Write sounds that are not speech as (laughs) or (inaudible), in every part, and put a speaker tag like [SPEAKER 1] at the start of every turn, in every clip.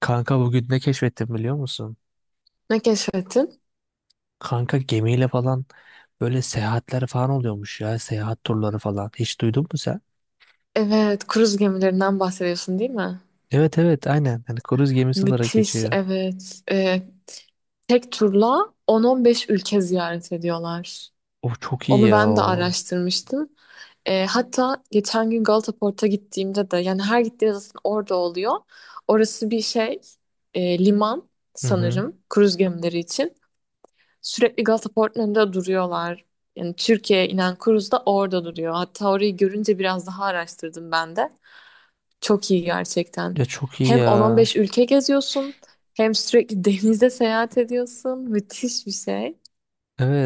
[SPEAKER 1] Kanka, bugün ne keşfettim biliyor musun?
[SPEAKER 2] Ne keşfettin?
[SPEAKER 1] Kanka gemiyle falan böyle seyahatler falan oluyormuş ya. Seyahat turları falan. Hiç duydun mu sen?
[SPEAKER 2] Evet, kruz gemilerinden bahsediyorsun değil mi?
[SPEAKER 1] Evet evet, aynen. Hani kruz gemisi olarak
[SPEAKER 2] Müthiş,
[SPEAKER 1] geçiyor.
[SPEAKER 2] evet. Tek turla 10-15 ülke ziyaret ediyorlar.
[SPEAKER 1] O çok iyi
[SPEAKER 2] Onu
[SPEAKER 1] ya
[SPEAKER 2] ben de
[SPEAKER 1] o.
[SPEAKER 2] araştırmıştım. Hatta geçen gün Galata Port'a gittiğimde de yani her gittiğimde zaten orada oluyor. Orası bir şey, liman
[SPEAKER 1] Hı hı.
[SPEAKER 2] sanırım kruz gemileri için. Sürekli Galata Port'un önünde duruyorlar. Yani Türkiye'ye inen kruz da orada duruyor. Hatta orayı görünce biraz daha araştırdım ben de. Çok iyi gerçekten.
[SPEAKER 1] Ya çok iyi
[SPEAKER 2] Hem
[SPEAKER 1] ya.
[SPEAKER 2] 10-15 ülke geziyorsun, hem sürekli (laughs) denizde seyahat ediyorsun. Müthiş bir şey.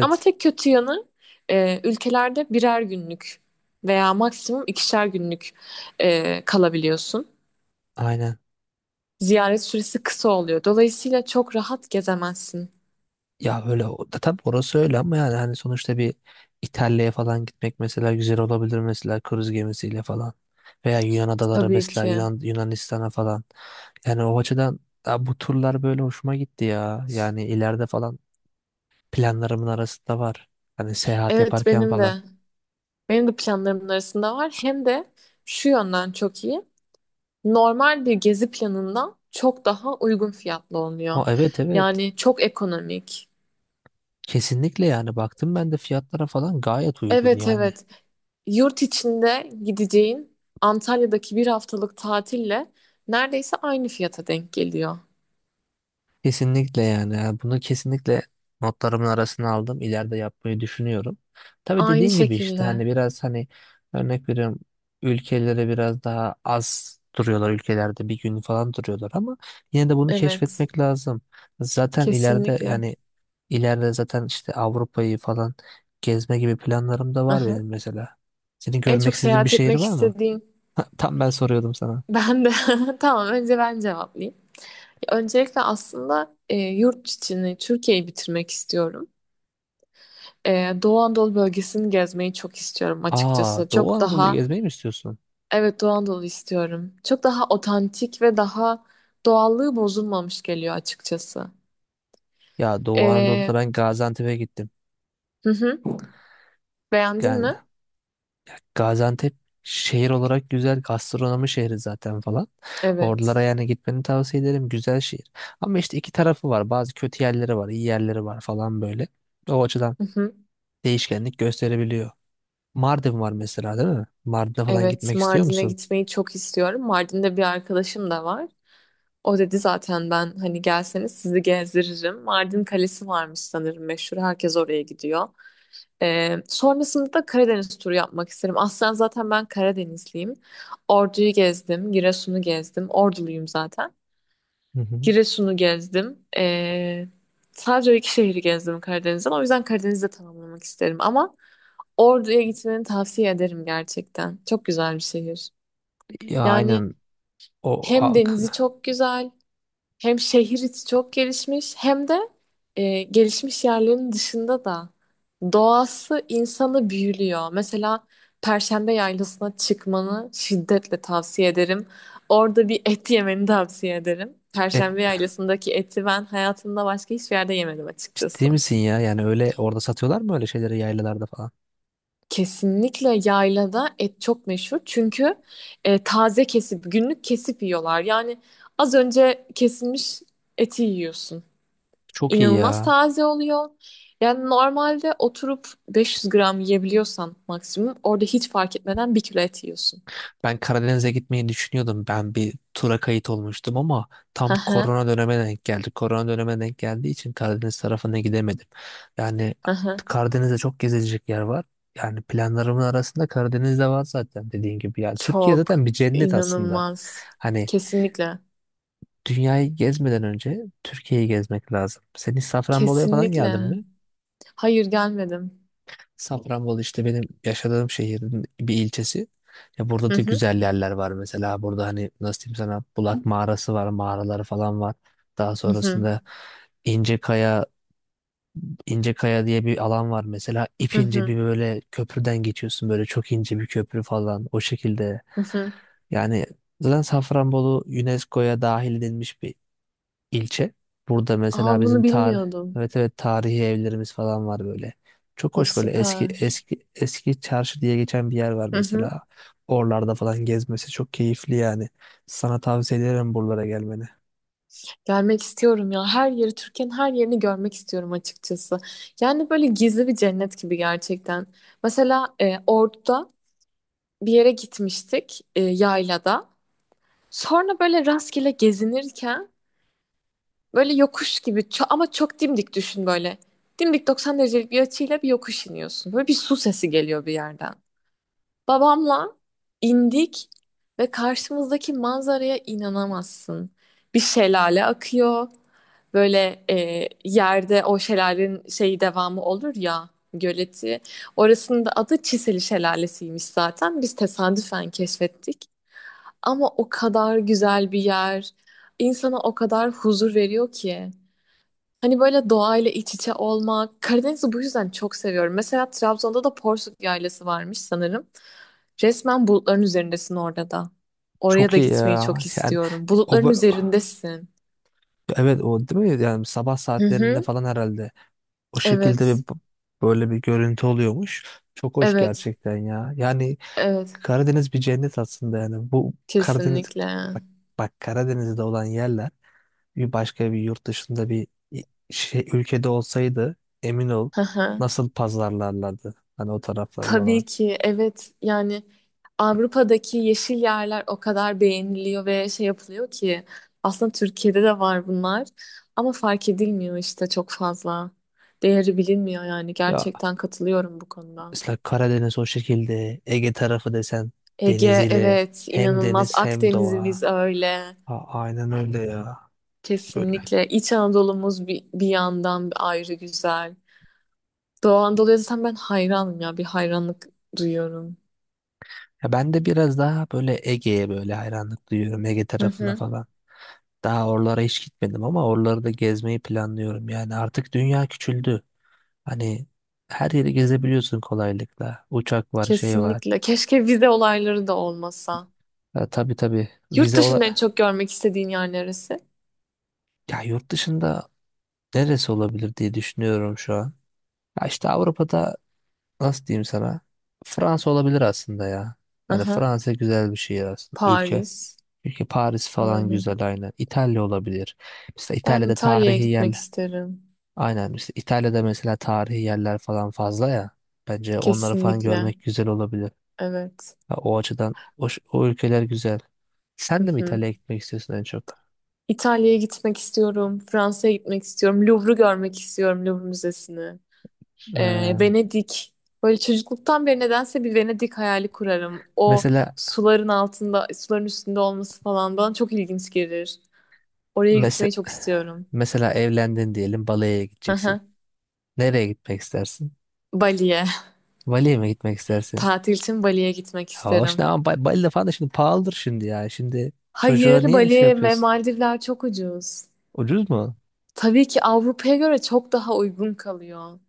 [SPEAKER 2] Ama tek kötü yanı ülkelerde birer günlük veya maksimum ikişer günlük kalabiliyorsun.
[SPEAKER 1] Aynen.
[SPEAKER 2] Ziyaret süresi kısa oluyor. Dolayısıyla çok rahat gezemezsin.
[SPEAKER 1] Ya öyle o- da tabii orası öyle ama yani hani sonuçta bir İtalya'ya falan gitmek mesela güzel olabilir mesela kruz gemisiyle falan. Veya Yunan adaları
[SPEAKER 2] Tabii
[SPEAKER 1] mesela
[SPEAKER 2] ki.
[SPEAKER 1] Yunanistan'a falan. Yani o açıdan ya bu turlar böyle hoşuma gitti ya. Yani ileride falan planlarımın arasında var. Hani seyahat
[SPEAKER 2] Evet
[SPEAKER 1] yaparken
[SPEAKER 2] benim de
[SPEAKER 1] falan.
[SPEAKER 2] benim de planlarımın arasında var. Hem de şu yönden çok iyi. Normal bir gezi planından çok daha uygun fiyatlı oluyor.
[SPEAKER 1] Ha, evet evet.
[SPEAKER 2] Yani çok ekonomik.
[SPEAKER 1] Kesinlikle yani, baktım ben de fiyatlara falan gayet uygun
[SPEAKER 2] Evet,
[SPEAKER 1] yani.
[SPEAKER 2] evet. Yurt içinde gideceğin Antalya'daki bir haftalık tatille neredeyse aynı fiyata denk geliyor.
[SPEAKER 1] Kesinlikle yani. Yani bunu kesinlikle notlarımın arasına aldım. İleride yapmayı düşünüyorum. Tabii
[SPEAKER 2] Aynı
[SPEAKER 1] dediğin gibi işte
[SPEAKER 2] şekilde.
[SPEAKER 1] hani biraz hani örnek veriyorum, ülkelere biraz daha az duruyorlar, ülkelerde bir gün falan duruyorlar ama yine de bunu
[SPEAKER 2] Evet.
[SPEAKER 1] keşfetmek lazım. Zaten ileride
[SPEAKER 2] Kesinlikle.
[SPEAKER 1] yani İleride zaten işte Avrupa'yı falan gezme gibi planlarım da var
[SPEAKER 2] Aha.
[SPEAKER 1] benim mesela. Senin
[SPEAKER 2] En
[SPEAKER 1] görmek
[SPEAKER 2] çok
[SPEAKER 1] istediğin bir
[SPEAKER 2] seyahat
[SPEAKER 1] şehir
[SPEAKER 2] etmek
[SPEAKER 1] var mı?
[SPEAKER 2] istediğin
[SPEAKER 1] (laughs) Tam ben soruyordum sana.
[SPEAKER 2] ben de. (laughs) Tamam, önce ben cevaplayayım. Öncelikle aslında yurt içini, Türkiye'yi bitirmek istiyorum. Doğu Anadolu bölgesini gezmeyi çok istiyorum
[SPEAKER 1] Aa,
[SPEAKER 2] açıkçası.
[SPEAKER 1] Doğu
[SPEAKER 2] Çok
[SPEAKER 1] Anadolu'yu
[SPEAKER 2] daha,
[SPEAKER 1] gezmeyi mi istiyorsun?
[SPEAKER 2] evet Doğu Anadolu istiyorum. Çok daha otantik ve daha doğallığı bozulmamış geliyor açıkçası.
[SPEAKER 1] Ya Doğu Anadolu'da
[SPEAKER 2] Ee,
[SPEAKER 1] ben Gaziantep'e gittim.
[SPEAKER 2] hı hı. Beğendin
[SPEAKER 1] Yani
[SPEAKER 2] mi?
[SPEAKER 1] Gaziantep şehir olarak güzel, gastronomi şehri zaten falan.
[SPEAKER 2] Evet.
[SPEAKER 1] Oralara yani gitmeni tavsiye ederim. Güzel şehir. Ama işte iki tarafı var. Bazı kötü yerleri var, iyi yerleri var falan böyle. O açıdan
[SPEAKER 2] Hı hı.
[SPEAKER 1] değişkenlik gösterebiliyor. Mardin var mesela değil mi? Mardin'e falan
[SPEAKER 2] Evet,
[SPEAKER 1] gitmek istiyor
[SPEAKER 2] Mardin'e
[SPEAKER 1] musun?
[SPEAKER 2] gitmeyi çok istiyorum. Mardin'de bir arkadaşım da var. O dedi zaten, ben hani gelseniz sizi gezdiririm. Mardin Kalesi varmış sanırım meşhur. Herkes oraya gidiyor. Sonrasında da Karadeniz turu yapmak isterim. Aslen zaten ben Karadenizliyim. Ordu'yu gezdim, Giresun'u gezdim. Orduluyum zaten.
[SPEAKER 1] Hı hı.
[SPEAKER 2] Giresun'u gezdim. Sadece o iki şehri gezdim Karadeniz'den. O yüzden Karadeniz'de tamamlamak isterim. Ama Ordu'ya gitmeni tavsiye ederim gerçekten. Çok güzel bir şehir.
[SPEAKER 1] Ya aynen
[SPEAKER 2] Yani
[SPEAKER 1] o
[SPEAKER 2] hem
[SPEAKER 1] a-
[SPEAKER 2] denizi
[SPEAKER 1] k-
[SPEAKER 2] çok güzel, hem şehir içi çok gelişmiş, hem de gelişmiş yerlerin dışında da doğası insanı büyülüyor. Mesela Perşembe Yaylası'na çıkmanı şiddetle tavsiye ederim. Orada bir et yemeni tavsiye ederim.
[SPEAKER 1] et,
[SPEAKER 2] Perşembe Yaylası'ndaki eti ben hayatımda başka hiçbir yerde yemedim açıkçası.
[SPEAKER 1] ciddi misin ya? Yani öyle orada satıyorlar mı öyle şeyleri yaylalarda falan?
[SPEAKER 2] Kesinlikle yaylada et çok meşhur, çünkü taze kesip, günlük kesip yiyorlar. Yani az önce kesilmiş eti yiyorsun.
[SPEAKER 1] Çok iyi
[SPEAKER 2] İnanılmaz
[SPEAKER 1] ya.
[SPEAKER 2] taze oluyor. Yani normalde oturup 500 gram yiyebiliyorsan maksimum, orada hiç fark etmeden bir kilo et yiyorsun.
[SPEAKER 1] Ben Karadeniz'e gitmeyi düşünüyordum. Ben bir tura kayıt olmuştum ama
[SPEAKER 2] Hı
[SPEAKER 1] tam
[SPEAKER 2] hı,
[SPEAKER 1] korona döneme denk geldi. Korona döneme denk geldiği için Karadeniz tarafına gidemedim. Yani
[SPEAKER 2] hı hı.
[SPEAKER 1] Karadeniz'de çok gezilecek yer var. Yani planlarımın arasında Karadeniz de var zaten dediğin gibi. Yani Türkiye
[SPEAKER 2] Çok
[SPEAKER 1] zaten bir cennet aslında.
[SPEAKER 2] inanılmaz.
[SPEAKER 1] Hani
[SPEAKER 2] Kesinlikle.
[SPEAKER 1] dünyayı gezmeden önce Türkiye'yi gezmek lazım. Sen hiç Safranbolu'ya falan geldin
[SPEAKER 2] Kesinlikle.
[SPEAKER 1] mi?
[SPEAKER 2] Hayır, gelmedim.
[SPEAKER 1] Safranbolu işte benim yaşadığım şehrin bir ilçesi. Ya
[SPEAKER 2] Hı
[SPEAKER 1] burada da
[SPEAKER 2] hı,
[SPEAKER 1] güzel yerler var mesela. Burada hani nasıl diyeyim sana, Bulak Mağarası var, mağaraları falan var. Daha
[SPEAKER 2] hı hı,
[SPEAKER 1] sonrasında İncekaya, İncekaya diye bir alan var mesela.
[SPEAKER 2] hı
[SPEAKER 1] İpince
[SPEAKER 2] hı,
[SPEAKER 1] bir böyle köprüden geçiyorsun, böyle çok ince bir köprü falan o şekilde.
[SPEAKER 2] hı hı.
[SPEAKER 1] Yani zaten Safranbolu UNESCO'ya dahil edilmiş bir ilçe. Burada
[SPEAKER 2] Aa,
[SPEAKER 1] mesela bizim
[SPEAKER 2] bunu
[SPEAKER 1] tarih,
[SPEAKER 2] bilmiyordum.
[SPEAKER 1] evet evet, tarihi evlerimiz falan var böyle. Çok
[SPEAKER 2] Aa,
[SPEAKER 1] hoş böyle eski
[SPEAKER 2] süper.
[SPEAKER 1] eski çarşı diye geçen bir yer var
[SPEAKER 2] Hı hı.
[SPEAKER 1] mesela. Oralarda falan gezmesi çok keyifli yani. Sana tavsiye ederim buralara gelmeni.
[SPEAKER 2] Gelmek istiyorum ya. Her yeri, Türkiye'nin her yerini görmek istiyorum açıkçası. Yani böyle gizli bir cennet gibi gerçekten. Mesela Ordu'da bir yere gitmiştik yaylada. Sonra böyle rastgele gezinirken böyle yokuş gibi ama çok dimdik, düşün böyle. Dimdik 90 derecelik bir açıyla bir yokuş iniyorsun. Böyle bir su sesi geliyor bir yerden. Babamla indik ve karşımızdaki manzaraya inanamazsın. Bir şelale akıyor. Böyle yerde o şelalenin şeyi, devamı olur ya, göleti. Orasının da adı Çiseli Şelalesiymiş zaten. Biz tesadüfen keşfettik. Ama o kadar güzel bir yer. İnsana o kadar huzur veriyor ki. Hani böyle doğayla iç içe olmak. Karadeniz'i bu yüzden çok seviyorum. Mesela Trabzon'da da Porsuk Yaylası varmış sanırım. Resmen bulutların üzerindesin orada da. Oraya
[SPEAKER 1] Çok
[SPEAKER 2] da
[SPEAKER 1] iyi
[SPEAKER 2] gitmeyi
[SPEAKER 1] ya.
[SPEAKER 2] çok
[SPEAKER 1] Yani
[SPEAKER 2] istiyorum.
[SPEAKER 1] o
[SPEAKER 2] Bulutların
[SPEAKER 1] bö-
[SPEAKER 2] üzerindesin.
[SPEAKER 1] evet o değil mi? Yani sabah
[SPEAKER 2] Hı
[SPEAKER 1] saatlerinde
[SPEAKER 2] hı.
[SPEAKER 1] falan herhalde o şekilde
[SPEAKER 2] Evet.
[SPEAKER 1] bir böyle bir görüntü oluyormuş. Çok hoş
[SPEAKER 2] Evet.
[SPEAKER 1] gerçekten ya. Yani
[SPEAKER 2] Evet.
[SPEAKER 1] Karadeniz bir cennet aslında yani. Bu Karadeniz
[SPEAKER 2] Kesinlikle.
[SPEAKER 1] bak, bak Karadeniz'de olan yerler bir başka bir yurt dışında bir i- şey ülkede olsaydı, emin ol
[SPEAKER 2] Hı hı.
[SPEAKER 1] nasıl pazarlarlardı hani o tarafları falan.
[SPEAKER 2] Tabii ki evet, yani Avrupa'daki yeşil yerler o kadar beğeniliyor ve şey yapılıyor ki, aslında Türkiye'de de var bunlar ama fark edilmiyor işte çok fazla. Değeri bilinmiyor, yani
[SPEAKER 1] Ya
[SPEAKER 2] gerçekten katılıyorum bu konuda.
[SPEAKER 1] mesela Karadeniz o şekilde, Ege tarafı desen
[SPEAKER 2] Ege,
[SPEAKER 1] deniziyle,
[SPEAKER 2] evet,
[SPEAKER 1] hem
[SPEAKER 2] inanılmaz.
[SPEAKER 1] deniz hem
[SPEAKER 2] Akdeniz'imiz
[SPEAKER 1] doğa.
[SPEAKER 2] öyle,
[SPEAKER 1] Ha, aynen öyle ya. Böyle.
[SPEAKER 2] kesinlikle. İç Anadolu'muz bir yandan ayrı güzel. Doğu Anadolu'ya zaten ben hayranım ya, bir hayranlık duyuyorum.
[SPEAKER 1] Ya ben de biraz daha böyle Ege'ye böyle hayranlık duyuyorum, Ege
[SPEAKER 2] Hı
[SPEAKER 1] tarafına
[SPEAKER 2] hı,
[SPEAKER 1] falan. Daha oralara hiç gitmedim ama oraları da gezmeyi planlıyorum. Yani artık dünya küçüldü. Hani her yeri gezebiliyorsun kolaylıkla. Uçak var, şey var.
[SPEAKER 2] kesinlikle. Keşke vize olayları da olmasa.
[SPEAKER 1] Ha, tabii tabii,
[SPEAKER 2] Yurt
[SPEAKER 1] vize
[SPEAKER 2] dışında en
[SPEAKER 1] ola,
[SPEAKER 2] çok görmek istediğin yer neresi?
[SPEAKER 1] ya yurt dışında neresi olabilir diye düşünüyorum şu an. Ya işte Avrupa'da nasıl diyeyim sana? Fransa olabilir aslında ya. Hani
[SPEAKER 2] Aha,
[SPEAKER 1] Fransa güzel bir şehir aslında. Ülke.
[SPEAKER 2] Paris.
[SPEAKER 1] Ülke, Paris falan
[SPEAKER 2] Aynen.
[SPEAKER 1] güzel aynen. İtalya olabilir. Mesela
[SPEAKER 2] Ben
[SPEAKER 1] İtalya'da
[SPEAKER 2] İtalya'ya
[SPEAKER 1] tarihi
[SPEAKER 2] gitmek
[SPEAKER 1] yerler,
[SPEAKER 2] isterim.
[SPEAKER 1] aynen işte İtalya'da mesela tarihi yerler falan fazla ya. Bence onları falan
[SPEAKER 2] Kesinlikle.
[SPEAKER 1] görmek güzel olabilir.
[SPEAKER 2] Evet.
[SPEAKER 1] Ha, o açıdan o ülkeler güzel.
[SPEAKER 2] Hı
[SPEAKER 1] Sen de mi
[SPEAKER 2] hı.
[SPEAKER 1] İtalya'ya gitmek istiyorsun en çok?
[SPEAKER 2] İtalya'ya gitmek istiyorum. Fransa'ya gitmek istiyorum. Louvre'u görmek istiyorum. Louvre Müzesi'ni.
[SPEAKER 1] Ha,
[SPEAKER 2] Venedik. Böyle çocukluktan beri nedense bir Venedik hayali kurarım. O
[SPEAKER 1] mesela
[SPEAKER 2] suların altında, suların üstünde olması falan bana çok ilginç gelir. Oraya
[SPEAKER 1] mese-
[SPEAKER 2] gitmeyi çok istiyorum.
[SPEAKER 1] mesela evlendin diyelim, Bali'ye gideceksin.
[SPEAKER 2] Aha.
[SPEAKER 1] Nereye gitmek istersin?
[SPEAKER 2] Bali'ye.
[SPEAKER 1] Bali'ye mi gitmek
[SPEAKER 2] (laughs)
[SPEAKER 1] istersin?
[SPEAKER 2] Tatil için Bali'ye gitmek
[SPEAKER 1] Ya hoş
[SPEAKER 2] isterim.
[SPEAKER 1] ne ama Bali'de falan da şimdi pahalıdır şimdi ya. Şimdi çocuğa
[SPEAKER 2] Hayır,
[SPEAKER 1] niye şey
[SPEAKER 2] Bali ve
[SPEAKER 1] yapıyorsun?
[SPEAKER 2] Maldivler çok ucuz.
[SPEAKER 1] Ucuz mu?
[SPEAKER 2] Tabii ki, Avrupa'ya göre çok daha uygun kalıyor.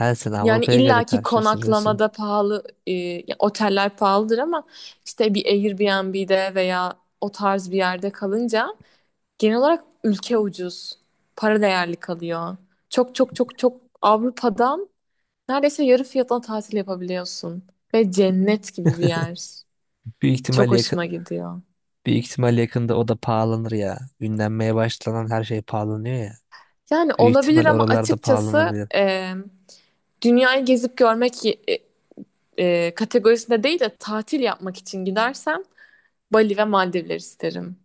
[SPEAKER 1] Her sen
[SPEAKER 2] Yani
[SPEAKER 1] Avrupa'ya göre
[SPEAKER 2] illaki
[SPEAKER 1] karşılaştırıyorsun.
[SPEAKER 2] konaklamada pahalı, ya oteller pahalıdır ama işte bir Airbnb'de veya o tarz bir yerde kalınca genel olarak ülke ucuz. Para değerli kalıyor. Çok çok çok çok Avrupa'dan neredeyse yarı fiyatına tatil yapabiliyorsun. Ve cennet gibi bir yer.
[SPEAKER 1] Büyük
[SPEAKER 2] Çok
[SPEAKER 1] ihtimal yakın,
[SPEAKER 2] hoşuma gidiyor.
[SPEAKER 1] büyük ihtimal yakında o da pahalanır ya. Ünlenmeye başlanan her şey pahalanıyor ya.
[SPEAKER 2] Yani
[SPEAKER 1] Büyük
[SPEAKER 2] olabilir,
[SPEAKER 1] ihtimal
[SPEAKER 2] ama
[SPEAKER 1] oralarda
[SPEAKER 2] açıkçası
[SPEAKER 1] pahalanabilir.
[SPEAKER 2] dünyayı gezip görmek kategorisinde değil de tatil yapmak için gidersem Bali ve Maldivler isterim.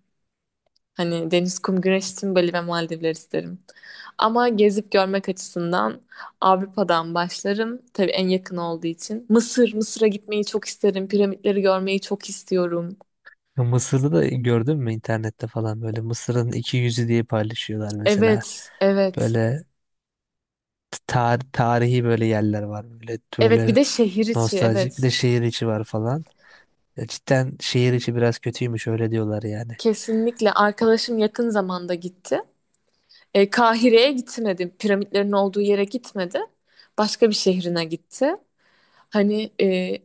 [SPEAKER 2] Hani deniz, kum, güneş için Bali ve Maldivler isterim. Ama gezip görmek açısından Avrupa'dan başlarım. Tabii en yakın olduğu için. Mısır, Mısır'a gitmeyi çok isterim. Piramitleri görmeyi çok istiyorum.
[SPEAKER 1] Ya Mısır'da da gördün mü internette falan, böyle Mısır'ın iki yüzü diye paylaşıyorlar mesela.
[SPEAKER 2] Evet, evet.
[SPEAKER 1] Böyle tarihi böyle yerler var. Böyle
[SPEAKER 2] Evet, bir
[SPEAKER 1] böyle
[SPEAKER 2] de şehir içi,
[SPEAKER 1] nostaljik, bir
[SPEAKER 2] evet.
[SPEAKER 1] de şehir içi var falan. Ya cidden şehir içi biraz kötüymüş, öyle diyorlar yani.
[SPEAKER 2] Kesinlikle. Arkadaşım yakın zamanda gitti. Kahire'ye gitmedi. Piramitlerin olduğu yere gitmedi. Başka bir şehrine gitti. Hani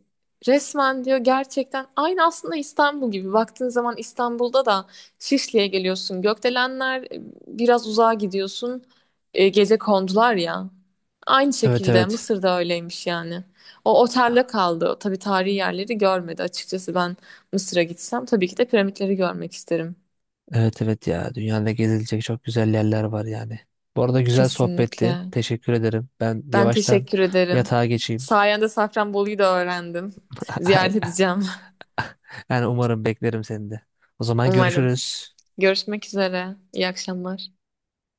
[SPEAKER 2] resmen diyor, gerçekten aynı aslında İstanbul gibi. Baktığın zaman İstanbul'da da Şişli'ye geliyorsun. Gökdelenler, biraz uzağa gidiyorsun. Gece kondular ya. Aynı
[SPEAKER 1] Evet
[SPEAKER 2] şekilde
[SPEAKER 1] evet.
[SPEAKER 2] Mısır'da öyleymiş yani. O otelde kaldı. Tabii tarihi yerleri görmedi. Açıkçası ben Mısır'a gitsem tabii ki de piramitleri görmek isterim.
[SPEAKER 1] Evet evet ya. Dünyada gezilecek çok güzel yerler var yani. Bu arada güzel sohbetti.
[SPEAKER 2] Kesinlikle.
[SPEAKER 1] Teşekkür ederim. Ben
[SPEAKER 2] Ben
[SPEAKER 1] yavaştan
[SPEAKER 2] teşekkür ederim.
[SPEAKER 1] yatağa geçeyim.
[SPEAKER 2] Sayende Safranbolu'yu da öğrendim. Ziyaret
[SPEAKER 1] (laughs)
[SPEAKER 2] edeceğim.
[SPEAKER 1] Yani umarım, beklerim seni de. O
[SPEAKER 2] (laughs)
[SPEAKER 1] zaman
[SPEAKER 2] Umarım.
[SPEAKER 1] görüşürüz.
[SPEAKER 2] Görüşmek üzere. İyi akşamlar.